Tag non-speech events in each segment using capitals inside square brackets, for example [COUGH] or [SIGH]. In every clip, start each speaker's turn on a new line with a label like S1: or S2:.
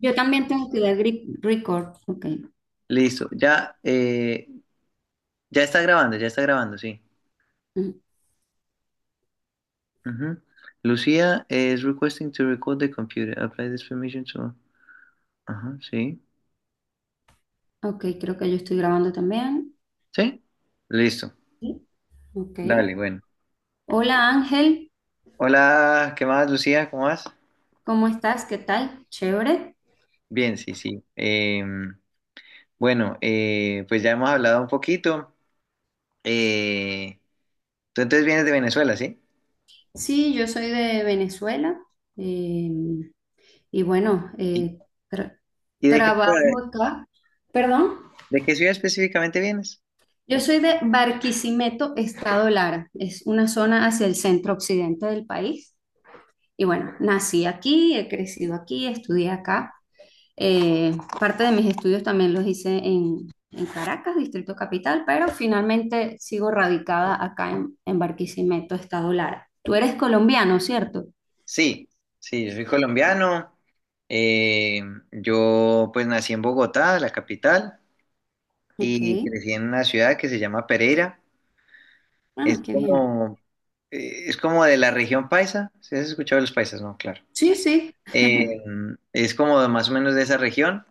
S1: Yo también tengo que dar record. Ok.
S2: Listo, ya, ya está grabando, sí.
S1: Mm.
S2: Ujú. Lucía is requesting to record the computer. Apply this permission to. Ajá, sí.
S1: Ok, creo que yo estoy grabando también.
S2: ¿Sí? Listo.
S1: Sí. Ok.
S2: Dale, bueno.
S1: Hola Ángel,
S2: Hola, ¿qué más, Lucía? ¿Cómo vas?
S1: ¿cómo estás? ¿Qué tal? Chévere.
S2: Bien, sí, sí. Bueno, pues ya hemos hablado un poquito. Eh, tú entonces vienes de Venezuela, ¿sí?
S1: Sí, yo soy de Venezuela. eh, y bueno,
S2: ¿Y,
S1: tra-
S2: y
S1: trabajo acá. Perdón.
S2: de qué ciudad específicamente vienes?
S1: Yo soy de Barquisimeto, Estado Lara. Es una zona hacia el centro occidente del país. Y bueno, nací aquí, he crecido aquí, estudié acá. Eh, Parte de mis estudios también los hice en Caracas, Distrito Capital, pero finalmente sigo radicada acá en Barquisimeto, Estado Lara. Tú eres colombiano, ¿cierto?
S2: Sí, sí, yo soy colombiano. eh, yo pues nací en Bogotá, la capital,
S1: Ok.
S2: y crecí en una ciudad que se llama Pereira. Es
S1: Ah, qué bien.
S2: como, es como de la región paisa. ¿Sí has escuchado de los paisas? No, claro.
S1: Sí, sí.
S2: Eh, es como de más o menos de esa región.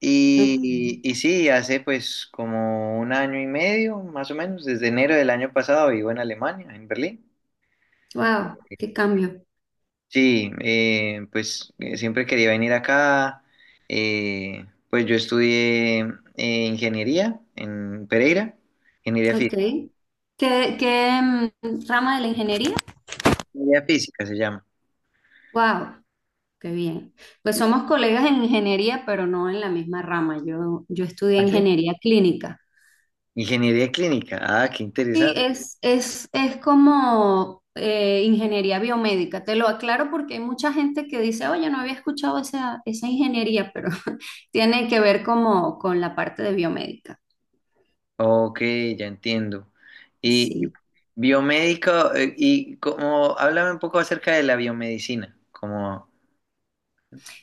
S2: Y sí, hace pues como un año y medio, más o menos, desde enero del año pasado vivo en Alemania, en Berlín.
S1: Wow, qué cambio.
S2: Sí, pues siempre quería venir acá. Pues yo estudié ingeniería en Pereira, ingeniería
S1: Ok.
S2: física,
S1: ¿Qué, rama de la ingeniería?
S2: ingeniería física se llama.
S1: Wow, qué bien. Pues somos colegas en ingeniería, pero no en la misma rama. Yo estudié
S2: ¿Ah, sí?
S1: ingeniería clínica.
S2: Ingeniería clínica, ah, qué
S1: Sí,
S2: interesante.
S1: es como ingeniería biomédica. Te lo aclaro porque hay mucha gente que dice, oye, no había escuchado esa ingeniería, pero [LAUGHS] tiene que ver como con la parte de biomédica.
S2: Ok, ya entiendo. Y
S1: Sí.
S2: biomédico, y como, háblame un poco acerca de la biomedicina, como,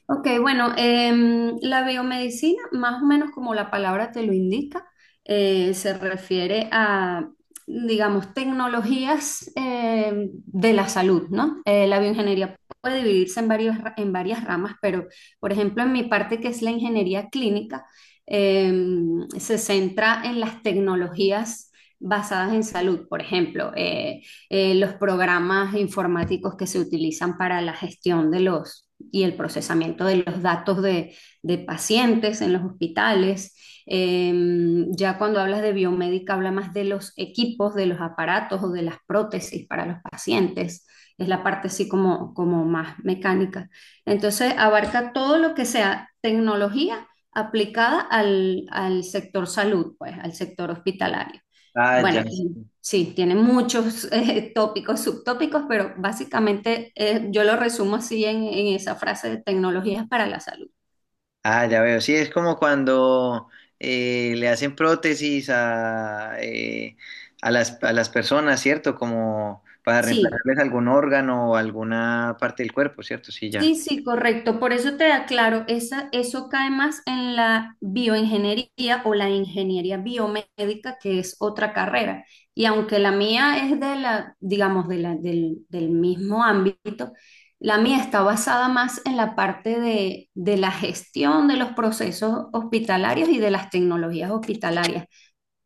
S1: Ok, bueno, la biomedicina, más o menos como la palabra te lo indica, se refiere a, digamos, tecnologías de la salud, ¿no? La bioingeniería puede dividirse en varios, en varias ramas, pero, por ejemplo, en mi parte, que es la ingeniería clínica, se centra en las tecnologías basadas en salud, por ejemplo. Los programas informáticos que se utilizan para la gestión de los y el procesamiento de los datos de pacientes en los hospitales. Eh, ya cuando hablas de biomédica, habla más de los equipos, de los aparatos o de las prótesis para los pacientes. Es la parte así como más mecánica. Entonces, abarca todo lo que sea tecnología aplicada al sector salud, pues, al sector hospitalario.
S2: ah, ya.
S1: Bueno, sí, tiene muchos [LAUGHS] tópicos, subtópicos, pero básicamente yo lo resumo así en esa frase de tecnologías para la salud.
S2: Ah, ya veo. Sí, es como cuando le hacen prótesis a las personas, ¿cierto? Como para
S1: Sí,
S2: reemplazarles algún órgano o alguna parte del cuerpo, ¿cierto? Sí, ya.
S1: sí, sí, correcto. Por eso te aclaro, eso cae más en la bioingeniería o la ingeniería biomédica, que es otra carrera. Y aunque la mía es de la, digamos, de la, del mismo ámbito, la mía está basada más en la parte de la gestión de los procesos hospitalarios y de las tecnologías hospitalarias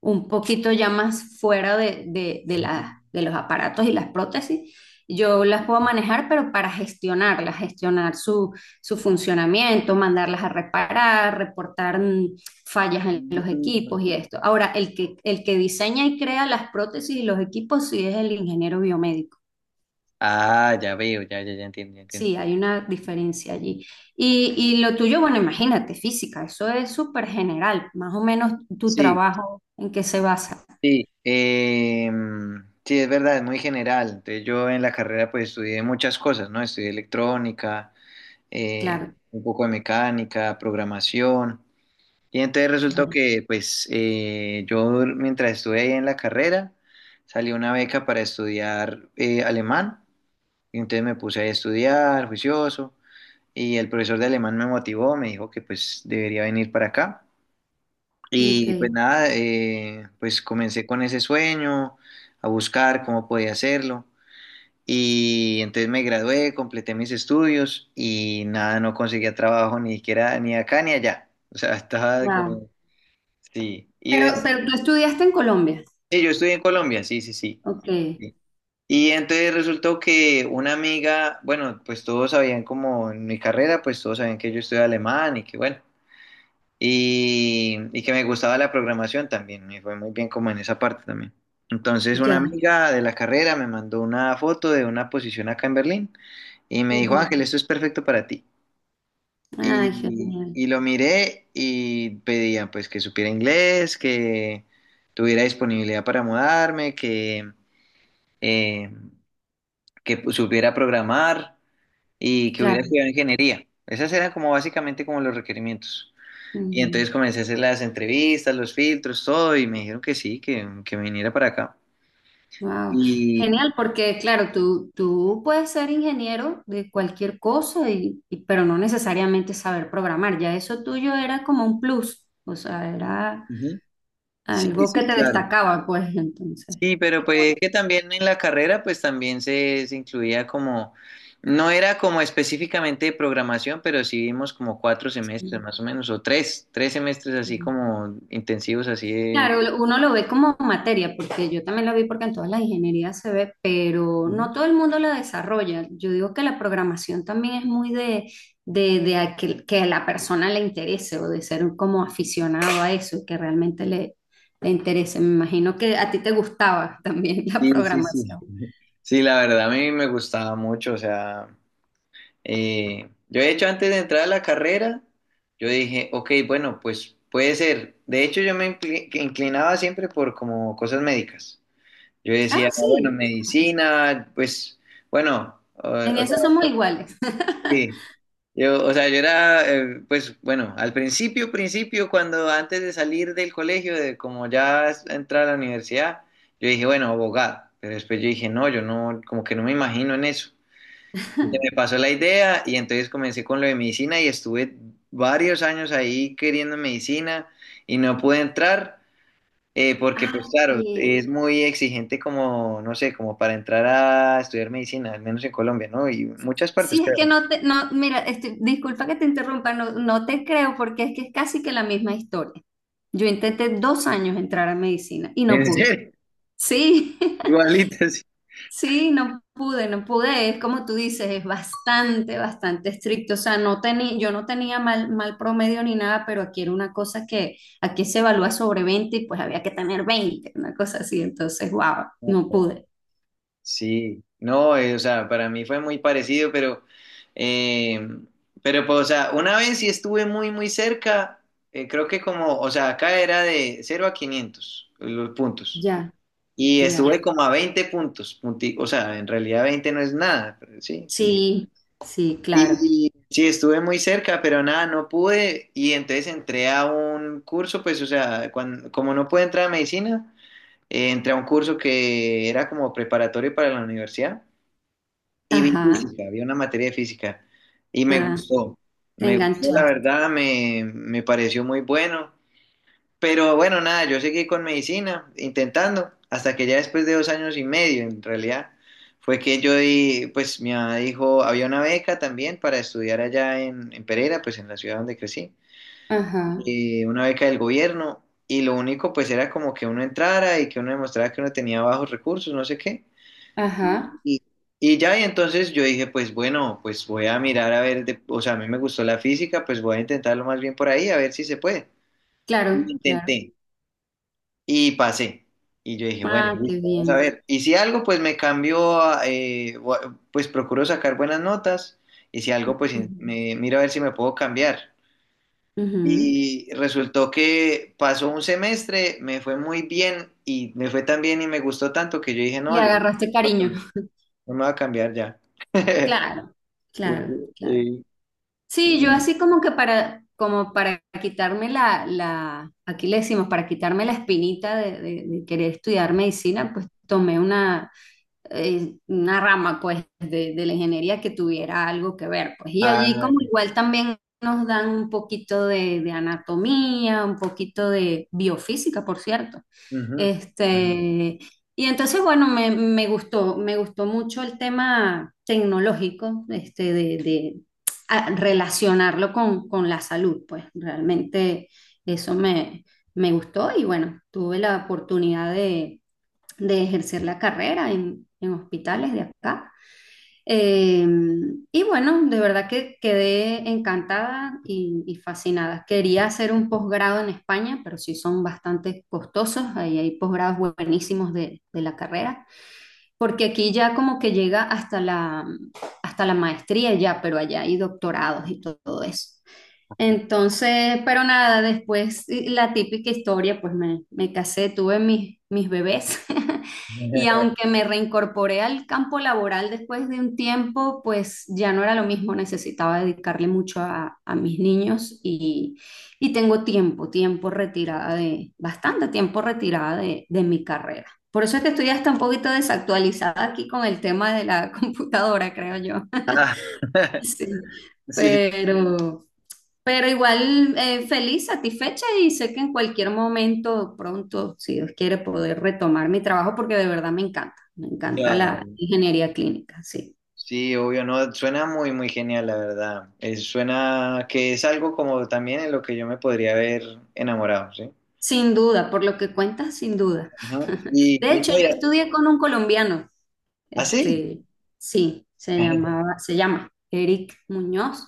S1: un poquito ya más fuera de los aparatos y las prótesis. Yo las puedo manejar, pero para gestionarlas, gestionar su funcionamiento, mandarlas a reparar, reportar fallas en los equipos y esto. Ahora, el que diseña y crea las prótesis y los equipos sí es el ingeniero biomédico.
S2: Ah, ya veo, ya, ya, ya entiendo, ya
S1: Sí,
S2: entiendo.
S1: hay una diferencia allí. Y lo tuyo, bueno, imagínate, física, eso es súper general, más o menos tu
S2: Sí,
S1: trabajo en qué se basa.
S2: sí. Sí, es verdad, es muy general. Entonces, yo en la carrera pues estudié muchas cosas, ¿no? Estudié electrónica, eh,
S1: Claro,
S2: un poco de mecánica, programación. Y entonces resultó
S1: claro.
S2: que, pues, yo mientras estuve ahí en la carrera, salió una beca para estudiar alemán. Y entonces me puse ahí a estudiar, juicioso. Y el profesor de alemán me motivó, me dijo que, pues, debería venir para acá.
S1: Ok,
S2: Y pues nada, comencé con ese sueño, a buscar cómo podía hacerlo. Y entonces me gradué, completé mis estudios y nada, no conseguía trabajo ni siquiera ni acá ni allá. O sea, [LAUGHS] estaba
S1: wow.
S2: como, sí.
S1: Pero, pero tú estudiaste en Colombia.
S2: Sí, yo estudié en Colombia, sí, sí, sí.
S1: Ok,
S2: Sí. Y entonces resultó que una amiga, bueno, pues todos sabían como en mi carrera, pues todos sabían que yo estudié alemán y que bueno, y que me gustaba la programación también, me fue muy bien como en esa parte también. Entonces una
S1: ya.
S2: amiga de la carrera me mandó una foto de una posición acá en Berlín y me dijo, Ángel,
S1: Ujú.
S2: esto es perfecto para ti.
S1: Ay,
S2: Y,
S1: genial.
S2: y lo miré y pedía pues que supiera inglés, que tuviera disponibilidad para mudarme, eh, que supiera programar y que hubiera
S1: Claro.
S2: estudiado ingeniería. Esas eran como básicamente como los requerimientos. Y entonces comencé a hacer las entrevistas, los filtros, todo, y me dijeron que sí, que viniera para acá.
S1: Wow.
S2: Y
S1: Genial, porque claro, tú puedes ser ingeniero de cualquier cosa, pero no necesariamente saber programar. Ya eso tuyo era como un plus, o sea, era
S2: ujú, sí, sí,
S1: algo que
S2: sí,
S1: te
S2: claro.
S1: destacaba, pues entonces.
S2: Sí, pero
S1: Qué
S2: pues
S1: bueno,
S2: que también en la carrera, pues también se incluía como, no era como específicamente de programación, pero sí vimos como 4 semestres
S1: sí,
S2: más o menos, o tres semestres así
S1: sí.
S2: como intensivos, así de.
S1: Claro, uno lo ve como materia, porque yo también lo vi porque en todas las ingenierías se ve, pero
S2: Ujú.
S1: no todo el mundo la desarrolla. Yo digo que la programación también es muy de que a la persona le interese o de ser como aficionado a eso, que realmente le interese. Me imagino que a ti te gustaba también [LAUGHS] la
S2: Sí, sí, sí.
S1: programación.
S2: Sí, la verdad a mí me gustaba mucho, o sea, yo de hecho antes de entrar a la carrera, yo dije, ok, bueno, pues puede ser. De hecho yo que inclinaba siempre por como cosas médicas. Yo decía,
S1: Ah,
S2: bueno,
S1: sí,
S2: medicina, pues, bueno, o, o
S1: en
S2: sea,
S1: eso somos iguales.
S2: sí, yo, o sea, yo era, pues bueno, al principio, principio, cuando antes de salir del colegio, de como entrar a la universidad, yo dije, bueno, abogado, pero después yo dije, no, yo no, como que no me imagino en eso. Y se me
S1: [LAUGHS]
S2: pasó la idea y entonces comencé con lo de medicina y estuve varios años ahí queriendo medicina y no pude entrar porque,
S1: Ah,
S2: pues claro, es muy exigente como, no sé, como para entrar a estudiar medicina, al menos en Colombia, ¿no? Y muchas partes,
S1: si es
S2: creo.
S1: que no te, no, mira, disculpa que te interrumpa, no, no te creo porque es que es casi que la misma historia. Yo intenté 2 años entrar a medicina y no
S2: En
S1: pude.
S2: serio,
S1: Sí, [LAUGHS]
S2: igualitas.
S1: sí, no pude, no pude. Es como tú dices, es bastante, bastante estricto. O sea, no tenía, yo no tenía mal, mal promedio ni nada, pero aquí era una cosa que aquí se evalúa sobre 20 y pues había que tener 20 una cosa así. Entonces, wow, no pude.
S2: Sí, no, o sea, para mí fue muy parecido, pero, eh, pero pues, o sea, una vez sí estuve muy, muy cerca, creo que como, o sea, acá era de 0 a 500 los puntos,
S1: Ya,
S2: y
S1: ya.
S2: estuve como a 20 puntos, o sea, en realidad 20 no es nada, pero sí.
S1: Sí, sí, claro.
S2: Y sí, estuve muy cerca, pero nada, no pude, y entonces entré a un curso, pues, o sea, como no pude entrar a medicina, entré a un curso que era como preparatorio para la universidad. Y vi
S1: Ajá.
S2: física, vi una materia de física y me
S1: Ah.
S2: gustó.
S1: Te
S2: Me gustó, la
S1: enganchaste.
S2: verdad, me pareció muy bueno. Pero bueno, nada, yo seguí con medicina, intentando, hasta que ya después de 2 años y medio, en realidad, fue que pues mi mamá dijo, había una beca también para estudiar allá en, Pereira, pues en la ciudad donde crecí,
S1: Ajá,
S2: una beca del gobierno, y lo único pues era como que uno entrara y que uno demostrara que uno tenía bajos recursos, no sé qué.
S1: ajá.
S2: Y, y ya, y entonces yo dije, pues bueno, pues voy a mirar a ver, o sea, a mí me gustó la física, pues voy a intentarlo más bien por ahí, a ver si se puede. Y
S1: Claro, claro.
S2: intenté y pasé. Y yo dije, bueno,
S1: Ah, qué
S2: listo, vamos a
S1: bien.
S2: ver. Y si algo, pues me cambió, pues procuro sacar buenas notas. Y si algo,
S1: Ujú,
S2: pues me miro a ver si me puedo cambiar.
S1: ujú.
S2: Y resultó que pasó un semestre, me fue muy bien y me fue tan bien y me gustó tanto que yo dije, no,
S1: Le
S2: yo no me
S1: agarraste
S2: voy a
S1: cariño.
S2: cambiar, no me voy a cambiar ya. [LAUGHS]
S1: Claro,
S2: Fíjate,
S1: claro, claro.
S2: eh,
S1: Sí, yo
S2: y-
S1: así como que para, como para quitarme la, aquí le decimos, para quitarme la espinita de querer estudiar medicina, pues tomé una rama pues de la ingeniería que tuviera algo que ver, pues. Y allí como
S2: ah,
S1: igual también nos dan un poquito de anatomía, un poquito de biofísica, por cierto.
S2: ujú,
S1: Este, y entonces, bueno, me gustó, me gustó mucho el tema tecnológico, este, relacionarlo con la salud, pues realmente eso me gustó y bueno, tuve la oportunidad de ejercer la carrera en hospitales de acá. Eh, y bueno, de verdad que quedé encantada y fascinada. Quería hacer un posgrado en España, pero sí son bastante costosos. Ahí hay posgrados buenísimos de la carrera, porque aquí ya como que llega hasta la maestría ya, pero allá hay doctorados y todo eso. Entonces, pero nada, después la típica historia, pues me casé, tuve mis bebés [LAUGHS] y aunque me reincorporé al campo laboral después de un tiempo, pues ya no era lo mismo, necesitaba dedicarle mucho a mis niños y tengo tiempo, tiempo retirada bastante tiempo retirada de mi carrera. Por eso es que estoy hasta un poquito desactualizada aquí con el tema de la [LAUGHS] computadora, creo yo. [LAUGHS]
S2: ah, [LAUGHS]
S1: Sí,
S2: sí,
S1: pero... Pero igual feliz, satisfecha y sé que en cualquier momento, pronto, si Dios quiere, poder retomar mi trabajo porque de verdad me encanta la
S2: claro.
S1: ingeniería clínica, sí.
S2: Sí, obvio, no, suena muy, muy genial, la verdad. Suena que es algo como también en lo que yo me podría haber enamorado, ¿sí?
S1: Sin duda, por lo que cuentas, sin duda.
S2: Ajá,
S1: [LAUGHS]
S2: Y,
S1: De
S2: y
S1: hecho,
S2: no,
S1: yo estudié con un colombiano,
S2: ¿ah, sí?
S1: este, sí,
S2: [LAUGHS]
S1: se llama Eric Muñoz,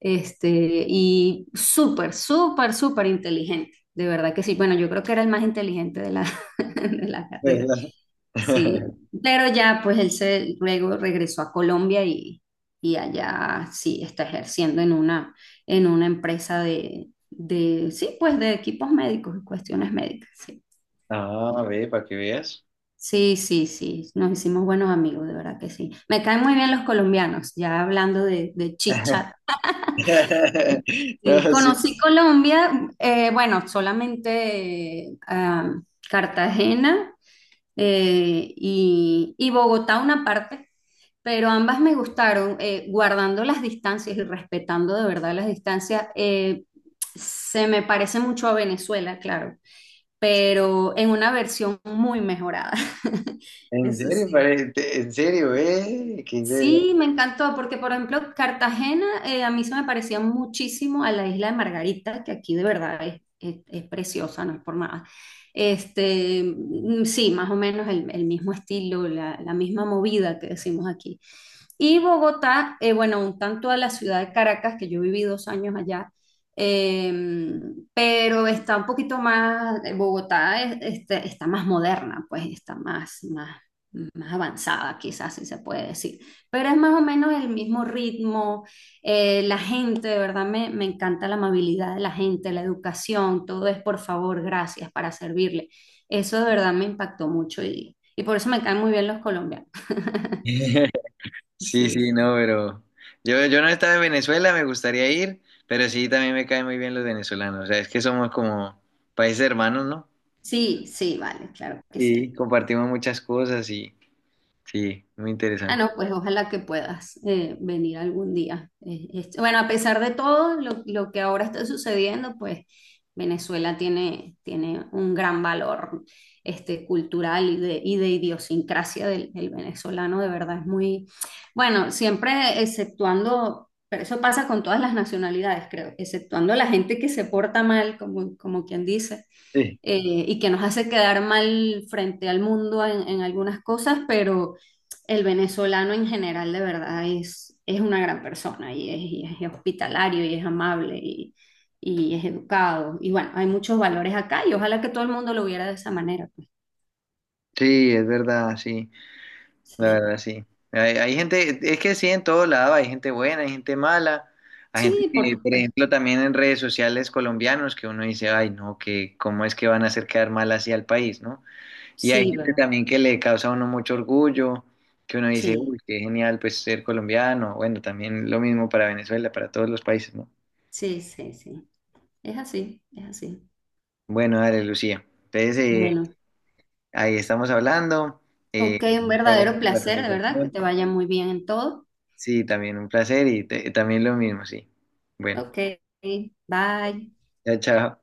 S1: este, y súper, súper, súper inteligente, de verdad que sí. Bueno, yo creo que era el más inteligente de la, [LAUGHS] de la carrera.
S2: ¿Verdad?
S1: Sí,
S2: [LAUGHS]
S1: pero ya pues él se luego regresó a Colombia y allá sí está ejerciendo en una, empresa de, sí, pues de equipos médicos y cuestiones médicas, sí.
S2: Ah, ve, para que veas.
S1: Sí, sí, sí, nos hicimos buenos amigos, de verdad que sí. Me caen muy bien los colombianos, ya hablando de chit chat.
S2: [LAUGHS]
S1: Sí,
S2: No, sí,
S1: conocí Colombia, bueno, solamente Cartagena y Bogotá una parte, pero ambas me gustaron, guardando las distancias y respetando de verdad las distancias. Se me parece mucho a Venezuela, claro, pero en una versión muy mejorada. [LAUGHS]
S2: en
S1: Eso
S2: serio,
S1: sí.
S2: en serio, ve, qué idea.
S1: Sí, me encantó, porque por ejemplo, Cartagena a mí se me parecía muchísimo a la isla de Margarita, que aquí de verdad es preciosa, no es por nada. Este, sí, más o menos el mismo estilo, la misma movida que decimos aquí. Y Bogotá, bueno, un tanto a la ciudad de Caracas, que yo viví 2 años allá, eh, pero está un poquito más, Bogotá este, está más moderna, pues está más, más, más avanzada, quizás si se puede decir. Pero es más o menos el mismo ritmo, la gente, de verdad me encanta la amabilidad de la gente, la educación, todo es por favor, gracias para servirle. Eso de verdad me impactó mucho y por eso me caen muy bien los colombianos. [LAUGHS]
S2: [LAUGHS] Sí,
S1: Sí,
S2: sí,
S1: sí,
S2: no, pero yo no estaba en Venezuela, me gustaría ir, pero sí, también me caen muy bien los venezolanos. O sea, es que somos como países hermanos, ¿no?
S1: sí, sí, vale, claro que
S2: Y
S1: sí.
S2: compartimos muchas cosas y sí, muy
S1: Ah,
S2: interesante.
S1: no, pues ojalá que puedas venir algún día. Bueno, a pesar de todo lo que ahora está sucediendo, pues Venezuela tiene un gran valor este, cultural y y de idiosincrasia del venezolano, de verdad es muy, bueno, siempre exceptuando, pero eso pasa con todas las nacionalidades, creo, exceptuando la gente que se porta mal, como quien dice
S2: Sí,
S1: eh, y que nos hace quedar mal frente al mundo en algunas cosas, pero el venezolano en general de verdad es una gran persona y es hospitalario y es amable y es educado. Y bueno, hay muchos valores acá y ojalá que todo el mundo lo viera de esa manera, pues.
S2: sí, es verdad, sí, la
S1: Sí,
S2: verdad, sí. Hay gente, es que sí, en todo lado hay gente buena, hay gente mala, hay gente
S1: sí, por
S2: que, por
S1: supuesto.
S2: ejemplo, también en redes sociales colombianos que uno dice, ay, no, que cómo es que van a hacer quedar mal así al país, ¿no? Y hay
S1: Sí,
S2: gente
S1: ¿verdad?
S2: también que le causa a uno mucho orgullo, que uno dice,
S1: Sí,
S2: uy, qué genial pues ser colombiano. Bueno, también lo mismo para Venezuela, para todos los países, ¿no?
S1: sí, sí, sí. Es así, es así.
S2: Bueno, dale, Lucía. Entonces,
S1: Bueno,
S2: ahí estamos hablando. Eh,
S1: ok, un
S2: muchas
S1: verdadero
S2: gracias por la
S1: placer, de verdad, que te
S2: conversación.
S1: vaya muy bien en todo.
S2: Sí, también un placer y también lo mismo, sí. Bueno,
S1: Ok, bye.
S2: chao, chao.